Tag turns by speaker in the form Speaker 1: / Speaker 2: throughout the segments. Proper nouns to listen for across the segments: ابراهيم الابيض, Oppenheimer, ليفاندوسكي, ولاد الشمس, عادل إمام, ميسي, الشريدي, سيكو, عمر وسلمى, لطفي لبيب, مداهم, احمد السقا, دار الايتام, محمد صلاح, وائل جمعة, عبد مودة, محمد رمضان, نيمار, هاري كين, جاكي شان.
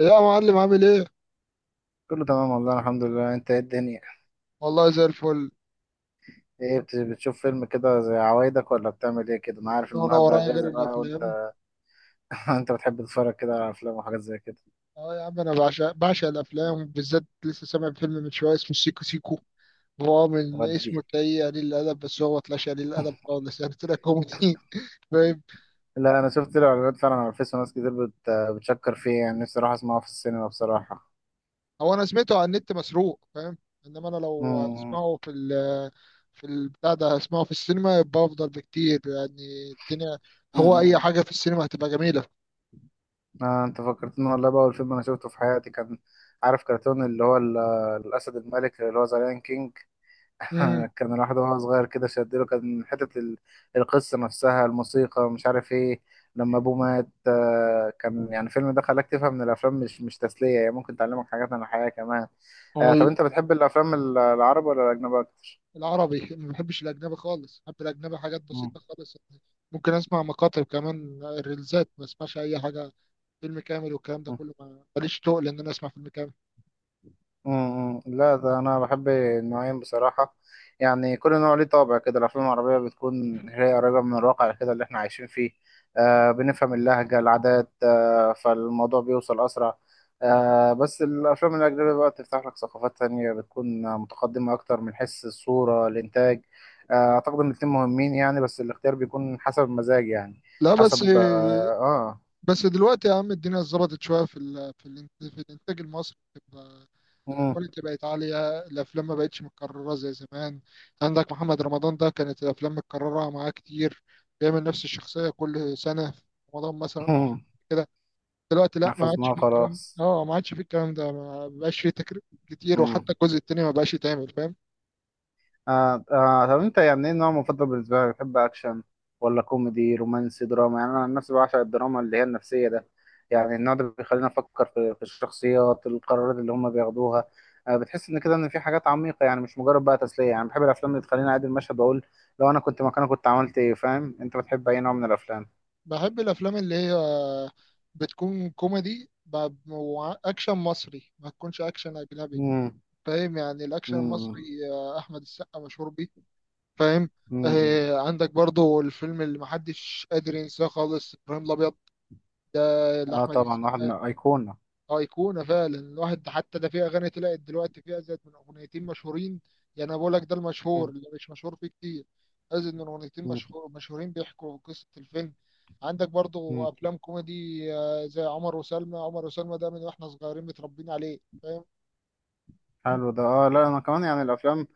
Speaker 1: يا معلم عامل ايه؟
Speaker 2: كله تمام والله الحمد لله. انت ايه الدنيا؟
Speaker 1: والله زي الفل.
Speaker 2: ايه بتشوف فيلم كده زي عوايدك، ولا بتعمل ايه كده؟ انا عارف
Speaker 1: انا
Speaker 2: النهارده
Speaker 1: ورايا غير
Speaker 2: اجازه بقى، وانت؟
Speaker 1: الافلام.
Speaker 2: انت بتحب تتفرج كده على افلام وحاجات زي كده؟
Speaker 1: اه يا عم انا بعشق الافلام، بالذات لسه سامع فيلم من شويه اسمه سيكو سيكو. هو من
Speaker 2: ودي.
Speaker 1: اسمه تلاقيه قليل الادب، بس هو طلعش قليل الادب خالص، يعني طلع كوميدي. فاهم؟
Speaker 2: لا، انا شفت له اعلانات فعلا على الفيس وناس كتير بتشكر فيه. يعني نفسي اروح اسمعه في السينما بصراحه.
Speaker 1: هو انا سمعته على النت مسروق، فاهم. انما انا لو
Speaker 2: امم.
Speaker 1: اسمعه في البتاع ده، هسمعه في السينما يبقى افضل بكتير، يعني الدنيا. هو
Speaker 2: امم.
Speaker 1: اي حاجه في السينما هتبقى جميله.
Speaker 2: آه، انت فكرتني والله. بقى اول فيلم انا شفته في حياتي كان عارف كرتون اللي هو الاسد الملك، اللي هو ذا لايون. كان الواحد وهو صغير كده شدله، كان حتة القصة نفسها، الموسيقى مش عارف ايه. لما ابوه مات، كان يعني الفيلم ده خلاك تفهم ان الافلام مش تسلية، هي ممكن تعلمك حاجات عن الحياة كمان. آه، طب
Speaker 1: امم
Speaker 2: انت بتحب الافلام العربي ولا الاجنبي اكتر؟
Speaker 1: العربي. ما بحبش الأجنبي خالص، بحب الأجنبي حاجات بسيطة خالص يعني. ممكن أسمع مقاطع كمان، ريلزات، ما أسمعش أي حاجة فيلم كامل. والكلام ده
Speaker 2: مم.
Speaker 1: كله، ماليش تقل إن أنا أسمع فيلم كامل.
Speaker 2: لا، ده انا بحب النوعين بصراحه. يعني كل نوع ليه طابع كده. الافلام العربيه بتكون هي قريبه من الواقع كده اللي احنا عايشين فيه. آه، بنفهم اللهجه، العادات، فالموضوع بيوصل اسرع. آه، بس الافلام الاجنبيه بقى تفتح لك ثقافات تانية، بتكون متقدمه اكتر من حيث الصوره، الانتاج. آه، اعتقد ان الاتنين مهمين يعني، بس الاختيار بيكون حسب المزاج يعني.
Speaker 1: لا بس
Speaker 2: حسب. اه, آه.
Speaker 1: بس دلوقتي يا عم الدنيا اتظبطت شوية في الإنتاج المصري، بتبقى الكواليتي بقت عالية، الأفلام ما بقتش متكررة زي زمان. عندك محمد رمضان ده كانت الأفلام متكررة معاه كتير، بيعمل نفس الشخصية كل سنة في رمضان مثلا أو
Speaker 2: مم.
Speaker 1: كده. دلوقتي لا، ما عادش
Speaker 2: حفظناه
Speaker 1: فيه الكلام،
Speaker 2: خلاص.
Speaker 1: اه ما عادش فيه الكلام ده، ما بقاش فيه تكرير كتير،
Speaker 2: مم.
Speaker 1: وحتى الجزء التاني ما بقاش يتعمل، فاهم.
Speaker 2: آه آه، طب انت يعني ايه النوع المفضل بالنسبه لك؟ بتحب اكشن ولا كوميدي، رومانسي، دراما؟ يعني انا عن نفسي بعشق الدراما اللي هي النفسيه ده. يعني النوع ده بيخلينا نفكر في الشخصيات، القرارات اللي هم بياخدوها. آه، بتحس ان كده ان في حاجات عميقه، يعني مش مجرد بقى تسليه. يعني بحب الافلام اللي تخليني اعيد المشهد واقول لو انا كنت مكانه كنت عملت ايه، فاهم؟ انت بتحب اي نوع من الافلام؟
Speaker 1: بحب الافلام اللي هي بتكون كوميدي واكشن مصري، ما تكونش اكشن اجنبي.
Speaker 2: امم.
Speaker 1: فاهم؟ يعني الاكشن المصري
Speaker 2: امم.
Speaker 1: احمد السقا مشهور بيه، فاهم.
Speaker 2: امم.
Speaker 1: آه عندك برضو الفيلم اللي محدش قادر ينساه خالص، ابراهيم الابيض ده
Speaker 2: اه،
Speaker 1: لاحمد
Speaker 2: طبعا واحد من
Speaker 1: السقا.
Speaker 2: ايقونه.
Speaker 1: ايقونه فعلا، الواحد حتى ده في اغاني طلعت دلوقتي فيها، زاد من اغنيتين مشهورين. يعني انا بقول لك ده المشهور، اللي مش مشهور فيه كتير ازيد من اغنيتين مشهورين بيحكوا قصه الفيلم. عندك برضو افلام كوميدي زي عمر وسلمى، عمر وسلمى ده من واحنا صغيرين متربيين عليه، فاهم.
Speaker 2: حلو ده. اه، لا انا كمان يعني الافلام،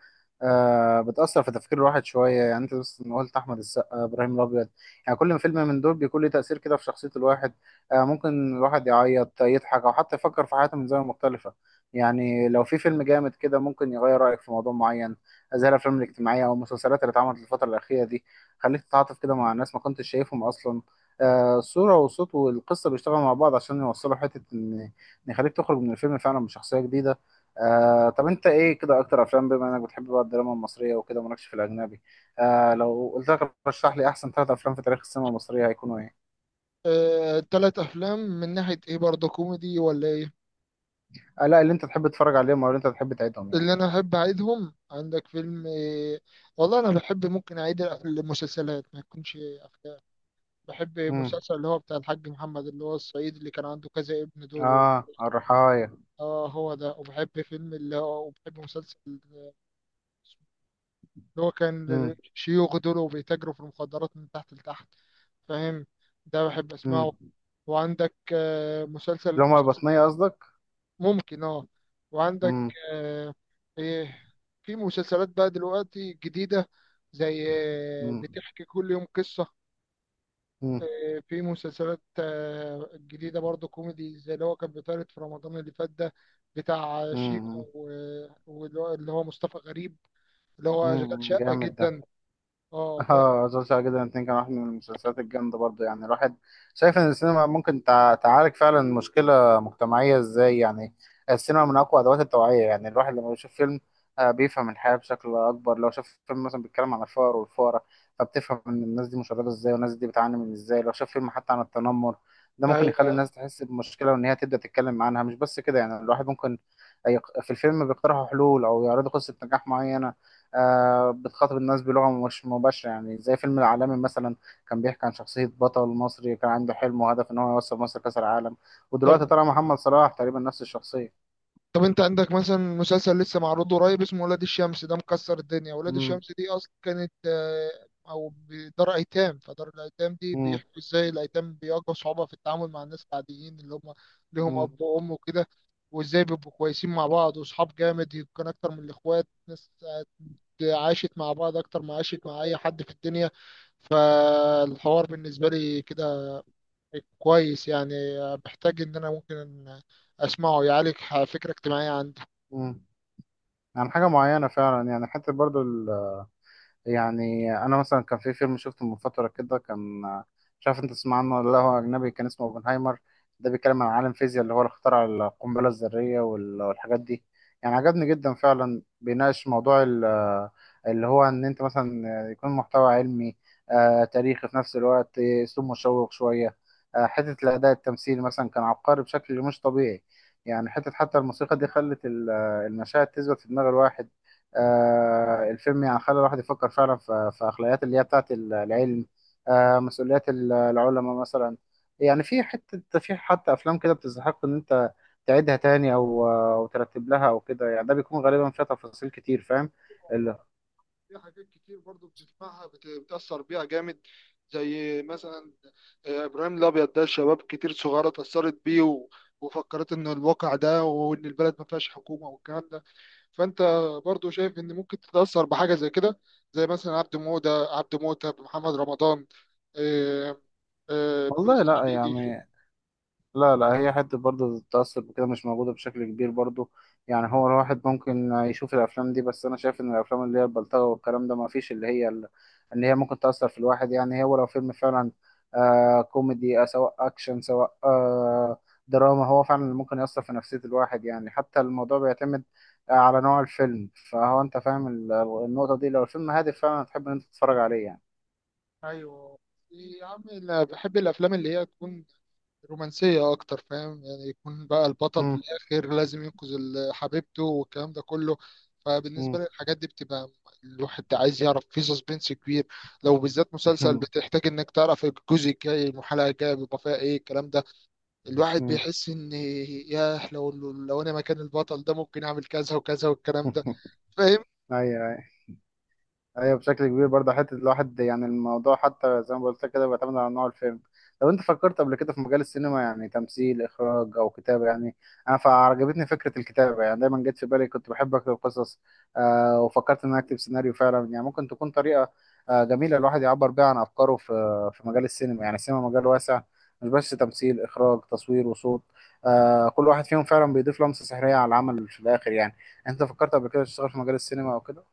Speaker 2: آه، بتاثر في تفكير الواحد شويه. يعني انت بس إن قلت احمد السقا، ابراهيم الابيض، يعني كل فيلم من دول بيكون له تاثير كده في شخصيه الواحد. آه، ممكن الواحد يعيط، يضحك، او حتى يفكر في حياته من زاويه مختلفه. يعني لو في فيلم جامد كده ممكن يغير رايك في موضوع معين، زي الافلام الاجتماعيه او المسلسلات اللي اتعملت الفتره الاخيره دي. خليك تتعاطف كده مع الناس ما كنتش شايفهم اصلا. آه، الصوره والصوت والقصه بيشتغلوا مع بعض عشان يوصلوا حته إن يخليك تخرج من الفيلم فعلا بشخصيه جديده. آه، طب انت ايه كده اكتر افلام؟ بما انك بتحب بقى الدراما المصريه وكده مالكش في الاجنبي، آه، لو قلت لك رشح لي احسن ثلاث افلام في تاريخ السينما المصريه هيكونوا ايه؟
Speaker 1: تلات افلام من ناحيه ايه؟ برضو كوميدي ولا ايه؟
Speaker 2: آه، لا، اللي انت تحب تتفرج عليهم او اللي انت تحب تعيدهم يعني.
Speaker 1: اللي انا احب اعيدهم، عندك فيلم والله انا بحب ممكن اعيد المسلسلات ما يكونش افلام. بحب
Speaker 2: امم.
Speaker 1: مسلسل اللي هو بتاع الحاج محمد، اللي هو الصعيدي، اللي كان عنده كذا ابن دول و-
Speaker 2: اه، الرحايا.
Speaker 1: اه هو ده. وبحب فيلم اللي هو، وبحب مسلسل اللي هو كان
Speaker 2: امم.
Speaker 1: شيوخ دول وبيتاجروا في المخدرات من تحت لتحت، فاهم. ده بحب اسمعه.
Speaker 2: امم.
Speaker 1: وعندك مسلسل
Speaker 2: اللي هم
Speaker 1: مسلسل-
Speaker 2: البطنيه قصدك؟
Speaker 1: ممكن اه. وعندك
Speaker 2: امم.
Speaker 1: آه، ايه، في مسلسلات بقى دلوقتي جديدة زي
Speaker 2: امم.
Speaker 1: بتحكي كل يوم قصة.
Speaker 2: امم.
Speaker 1: في مسلسلات جديدة برضه كوميدي زي اللي هو كان بيتعرض في رمضان اللي فات ده، بتاع شيكو
Speaker 2: امم.
Speaker 1: واللي هو، اللي هو مصطفى غريب، اللي هو شغال شقة
Speaker 2: جامد ده.
Speaker 1: جدا، اه فاهم.
Speaker 2: اه، مسلسل عادل جدا الاتنين كان واحد من المسلسلات الجامدة برضه. يعني الواحد شايف ان السينما ممكن تعالج فعلا مشكلة مجتمعية ازاي؟ يعني السينما من اقوى ادوات التوعية. يعني الواحد لما بيشوف فيلم، آه، بيفهم الحياة بشكل اكبر. لو شاف فيلم مثلا بيتكلم عن الفقر والفقراء، فبتفهم ان الناس دي مشردة ازاي والناس دي بتعاني من ازاي. لو شاف فيلم حتى عن التنمر، ده ممكن يخلي
Speaker 1: ايوه.
Speaker 2: الناس تحس بمشكلة وان هي تبدأ تتكلم عنها. مش بس كده، يعني الواحد ممكن في الفيلم بيقترحوا حلول او يعرضوا قصة نجاح معينة. آه، بتخاطب الناس بلغة مش مباشرة. يعني زي فيلم العالمي مثلا، كان بيحكي عن شخصية بطل مصري كان عنده حلم وهدف إن هو يوصل مصر كأس العالم. ودلوقتي
Speaker 1: طب
Speaker 2: طلع محمد صلاح تقريبا نفس الشخصية.
Speaker 1: طب انت عندك مثلا مسلسل لسه معروض قريب اسمه ولاد الشمس، ده مكسر الدنيا. ولاد
Speaker 2: مم.
Speaker 1: الشمس دي اصلا كانت او دار ايتام. فدار الايتام دي
Speaker 2: مم.
Speaker 1: بيحكوا ازاي الايتام بيواجهوا صعوبة في التعامل مع الناس العاديين اللي هم ليهم
Speaker 2: مم.
Speaker 1: اب وام وكده. وازاي بيبقوا كويسين مع بعض واصحاب جامد، يمكن اكتر من الاخوات، ناس عاشت مع بعض اكتر ما عاشت مع اي حد في الدنيا. فالحوار بالنسبة لي كده كويس يعني، محتاج ان انا ممكن اسمعه، يعالج فكرة اجتماعية عندي.
Speaker 2: مم. عن حاجة معينة فعلا، يعني حتى برضو، يعني انا مثلا كان في فيلم شفته من فتره كده، كان مش عارف انت تسمع عنه ولا لا، هو اجنبي كان اسمه اوبنهايمر. ده بيتكلم عن عالم فيزياء اللي هو اللي اخترع القنبله الذريه والحاجات دي. يعني عجبني جدا فعلا، بيناقش موضوع اللي هو ان انت مثلا يكون محتوى علمي، آه، تاريخي في نفس الوقت، اسلوب مشوق شويه. آه، حته الاداء التمثيلي مثلا كان عبقري بشكل مش طبيعي. يعني حتى الموسيقى دي خلت المشاهد تثبت في دماغ الواحد. آه، الفيلم يعني خلى الواحد يفكر فعلا في أخلاقيات اللي هي بتاعت العلم. آه، مسؤوليات العلماء مثلا. يعني في حتى أفلام كده بتستحق إن أنت تعيدها تاني أو ترتب لها أو كده. يعني ده بيكون غالبا فيها تفاصيل كتير، فاهم؟ ال-
Speaker 1: في حاجات كتير برضو بتسمعها، بتأثر بيها جامد، زي مثلا إبراهيم الأبيض ده، شباب كتير صغيرة اتأثرت بيه، وفكرت إن الواقع ده، وإن البلد ما فيهاش حكومة والكلام ده. فأنت برضو شايف إن ممكن تتأثر بحاجة زي كده، زي مثلا عبد مودة، عبد موتة، محمد رمضان، آه،
Speaker 2: والله، لا
Speaker 1: الشريدي.
Speaker 2: يعني، لا لا، هي حتة برضه التأثر بكده مش موجودة بشكل كبير برضه. يعني هو الواحد ممكن يشوف الأفلام دي، بس أنا شايف إن الأفلام اللي هي البلطجة والكلام ده ما فيش، اللي هي إن هي ممكن تأثر في الواحد. يعني هو لو فيلم فعلا آه كوميدي، سواء أكشن، سواء دراما، هو فعلا اللي ممكن يأثر في نفسية الواحد. يعني حتى الموضوع بيعتمد آه على نوع الفيلم. فهو أنت فاهم النقطة دي، لو الفيلم هادف فعلا هتحب إن أنت تتفرج عليه يعني.
Speaker 1: ايوه يا عم، أنا بحب الأفلام اللي هي تكون رومانسية أكتر، فاهم. يعني يكون بقى البطل في
Speaker 2: مم.
Speaker 1: الآخر لازم ينقذ حبيبته والكلام ده كله. فبالنسبة
Speaker 2: مم.
Speaker 1: لي الحاجات دي بتبقى الواحد عايز يعرف، في سسبنس كبير. لو بالذات مسلسل، بتحتاج إنك تعرف الجزء الجاي الحلقة الجاية بيبقى فيها إيه الكلام ده. الواحد
Speaker 2: مم.
Speaker 1: بيحس إن ياه، لو أنا مكان البطل ده ممكن أعمل كذا وكذا والكلام ده. فاهم؟
Speaker 2: أيوه. ايوه بشكل كبير برضه حته الواحد. يعني الموضوع حتى زي ما قلت لك كده بيعتمد على نوع الفيلم. لو انت فكرت قبل كده في مجال السينما، يعني تمثيل، اخراج، او كتابه يعني. انا فعجبتني فكره الكتابه. يعني دايما جت في بالي، كنت بحب اكتب قصص، آه، وفكرت ان أنا اكتب سيناريو فعلا. يعني ممكن تكون طريقه آه جميله الواحد يعبر بيها عن افكاره في مجال السينما. يعني السينما مجال واسع، مش بس تمثيل، اخراج، تصوير، وصوت. آه كل واحد فيهم فعلا بيضيف لمسه سحريه على العمل في الاخر يعني. انت فكرت قبل كده تشتغل في مجال السينما او كده؟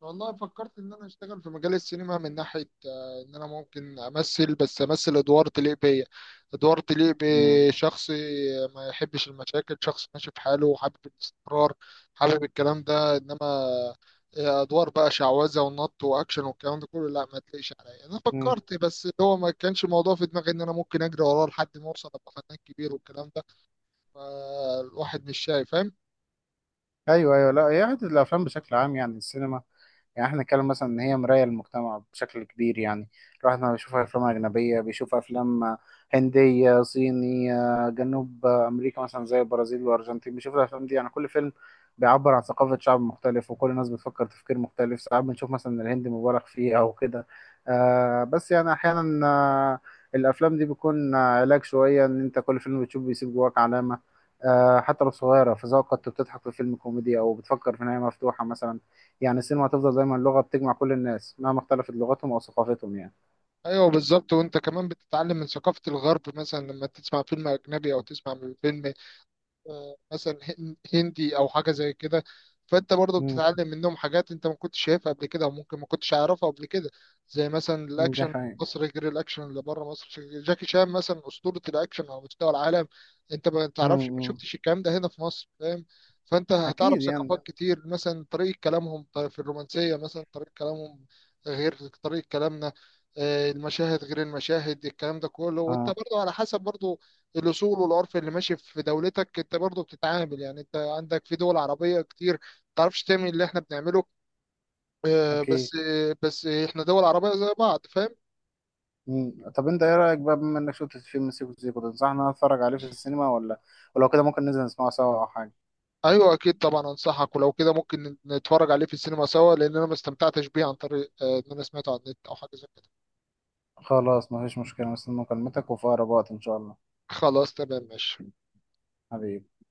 Speaker 1: والله فكرت ان انا اشتغل في مجال السينما من ناحيه ان انا ممكن امثل، بس امثل ادوار تليق بيا، ادوار تليق بشخص ما يحبش المشاكل، شخص ماشي في حاله وحابب الاستقرار، حابب الكلام ده. انما ادوار بقى شعوذه ونط واكشن والكلام ده كله، لا ما تلاقيش عليا. انا
Speaker 2: مم.
Speaker 1: فكرت بس هو ما كانش الموضوع في دماغي ان انا ممكن اجري وراه لحد ما اوصل ابقى فنان كبير والكلام ده. فالواحد مش شايف.
Speaker 2: ايوه، ايوه، لا هي حته الافلام بشكل عام. يعني السينما، يعني احنا نتكلم مثلا ان هي مراية للمجتمع بشكل كبير يعني. الواحد ما بيشوف افلام اجنبية، بيشوف افلام هندية، صينية، جنوب امريكا مثلا زي البرازيل والارجنتين. بيشوف الافلام دي، يعني كل فيلم بيعبر عن ثقافة شعب مختلف، وكل الناس بتفكر تفكير مختلف. ساعات بنشوف مثلا الهند مبالغ فيه او كده. آه بس يعني احيانا، الافلام دي بيكون علاج شوية، ان انت كل فيلم بتشوفه بيسيب جواك علامة، آه، حتى لو صغيرة في ذوقك. كنت بتضحك في فيلم كوميدي أو بتفكر في نهاية مفتوحة مثلا. يعني السينما هتفضل دايما لغة بتجمع كل الناس مهما اختلفت لغتهم أو ثقافتهم يعني.
Speaker 1: ايوه بالظبط، وانت كمان بتتعلم من ثقافه الغرب مثلا لما تسمع فيلم اجنبي، او تسمع من فيلم مثلا هندي او حاجه زي كده. فانت برضو
Speaker 2: امم.
Speaker 1: بتتعلم منهم حاجات انت ما كنتش شايفها قبل كده، وممكن ما كنتش عارفها قبل كده. زي مثلا
Speaker 2: ده
Speaker 1: الاكشن،
Speaker 2: حقيقي.
Speaker 1: مصر غير الاكشن اللي بره مصر. جاكي شان مثلا اسطوره الاكشن على مستوى العالم، انت ما تعرفش، ما
Speaker 2: امم.
Speaker 1: شفتش الكلام ده هنا في مصر، فاهم. فانت
Speaker 2: أكيد
Speaker 1: هتعرف
Speaker 2: يعني.
Speaker 1: ثقافات كتير، مثلا طريقه كلامهم في الرومانسيه، مثلا طريقه كلامهم غير طريقه كلامنا، المشاهد غير المشاهد، الكلام ده كله. وانت
Speaker 2: اه،
Speaker 1: برضو على حسب برضو الاصول والعرف اللي ماشي في دولتك انت برضه بتتعامل. يعني انت عندك في دول عربيه كتير ما تعرفش تعمل اللي احنا بنعمله، بس
Speaker 2: أكيد.
Speaker 1: بس احنا دول عربيه زي بعض، فاهم.
Speaker 2: مم. طب أنت إيه رأيك بقى، بما إنك شفت فيلم سيكو سيكو، تنصحنا أتفرج عليه في السينما، ولا ولو كده ممكن ننزل نسمعه سوا أو حاجة؟
Speaker 1: ايوه اكيد طبعا انصحك، ولو كده ممكن نتفرج عليه في السينما سوا، لان انا ما استمتعتش بيه عن طريق ان انا سمعته على النت او حاجه زي كده.
Speaker 2: خلاص، مفيش مشكلة. مستني مكالمتك وفي أقرب وقت إن شاء الله.
Speaker 1: خلاص تمام ماشي.
Speaker 2: حبيبي.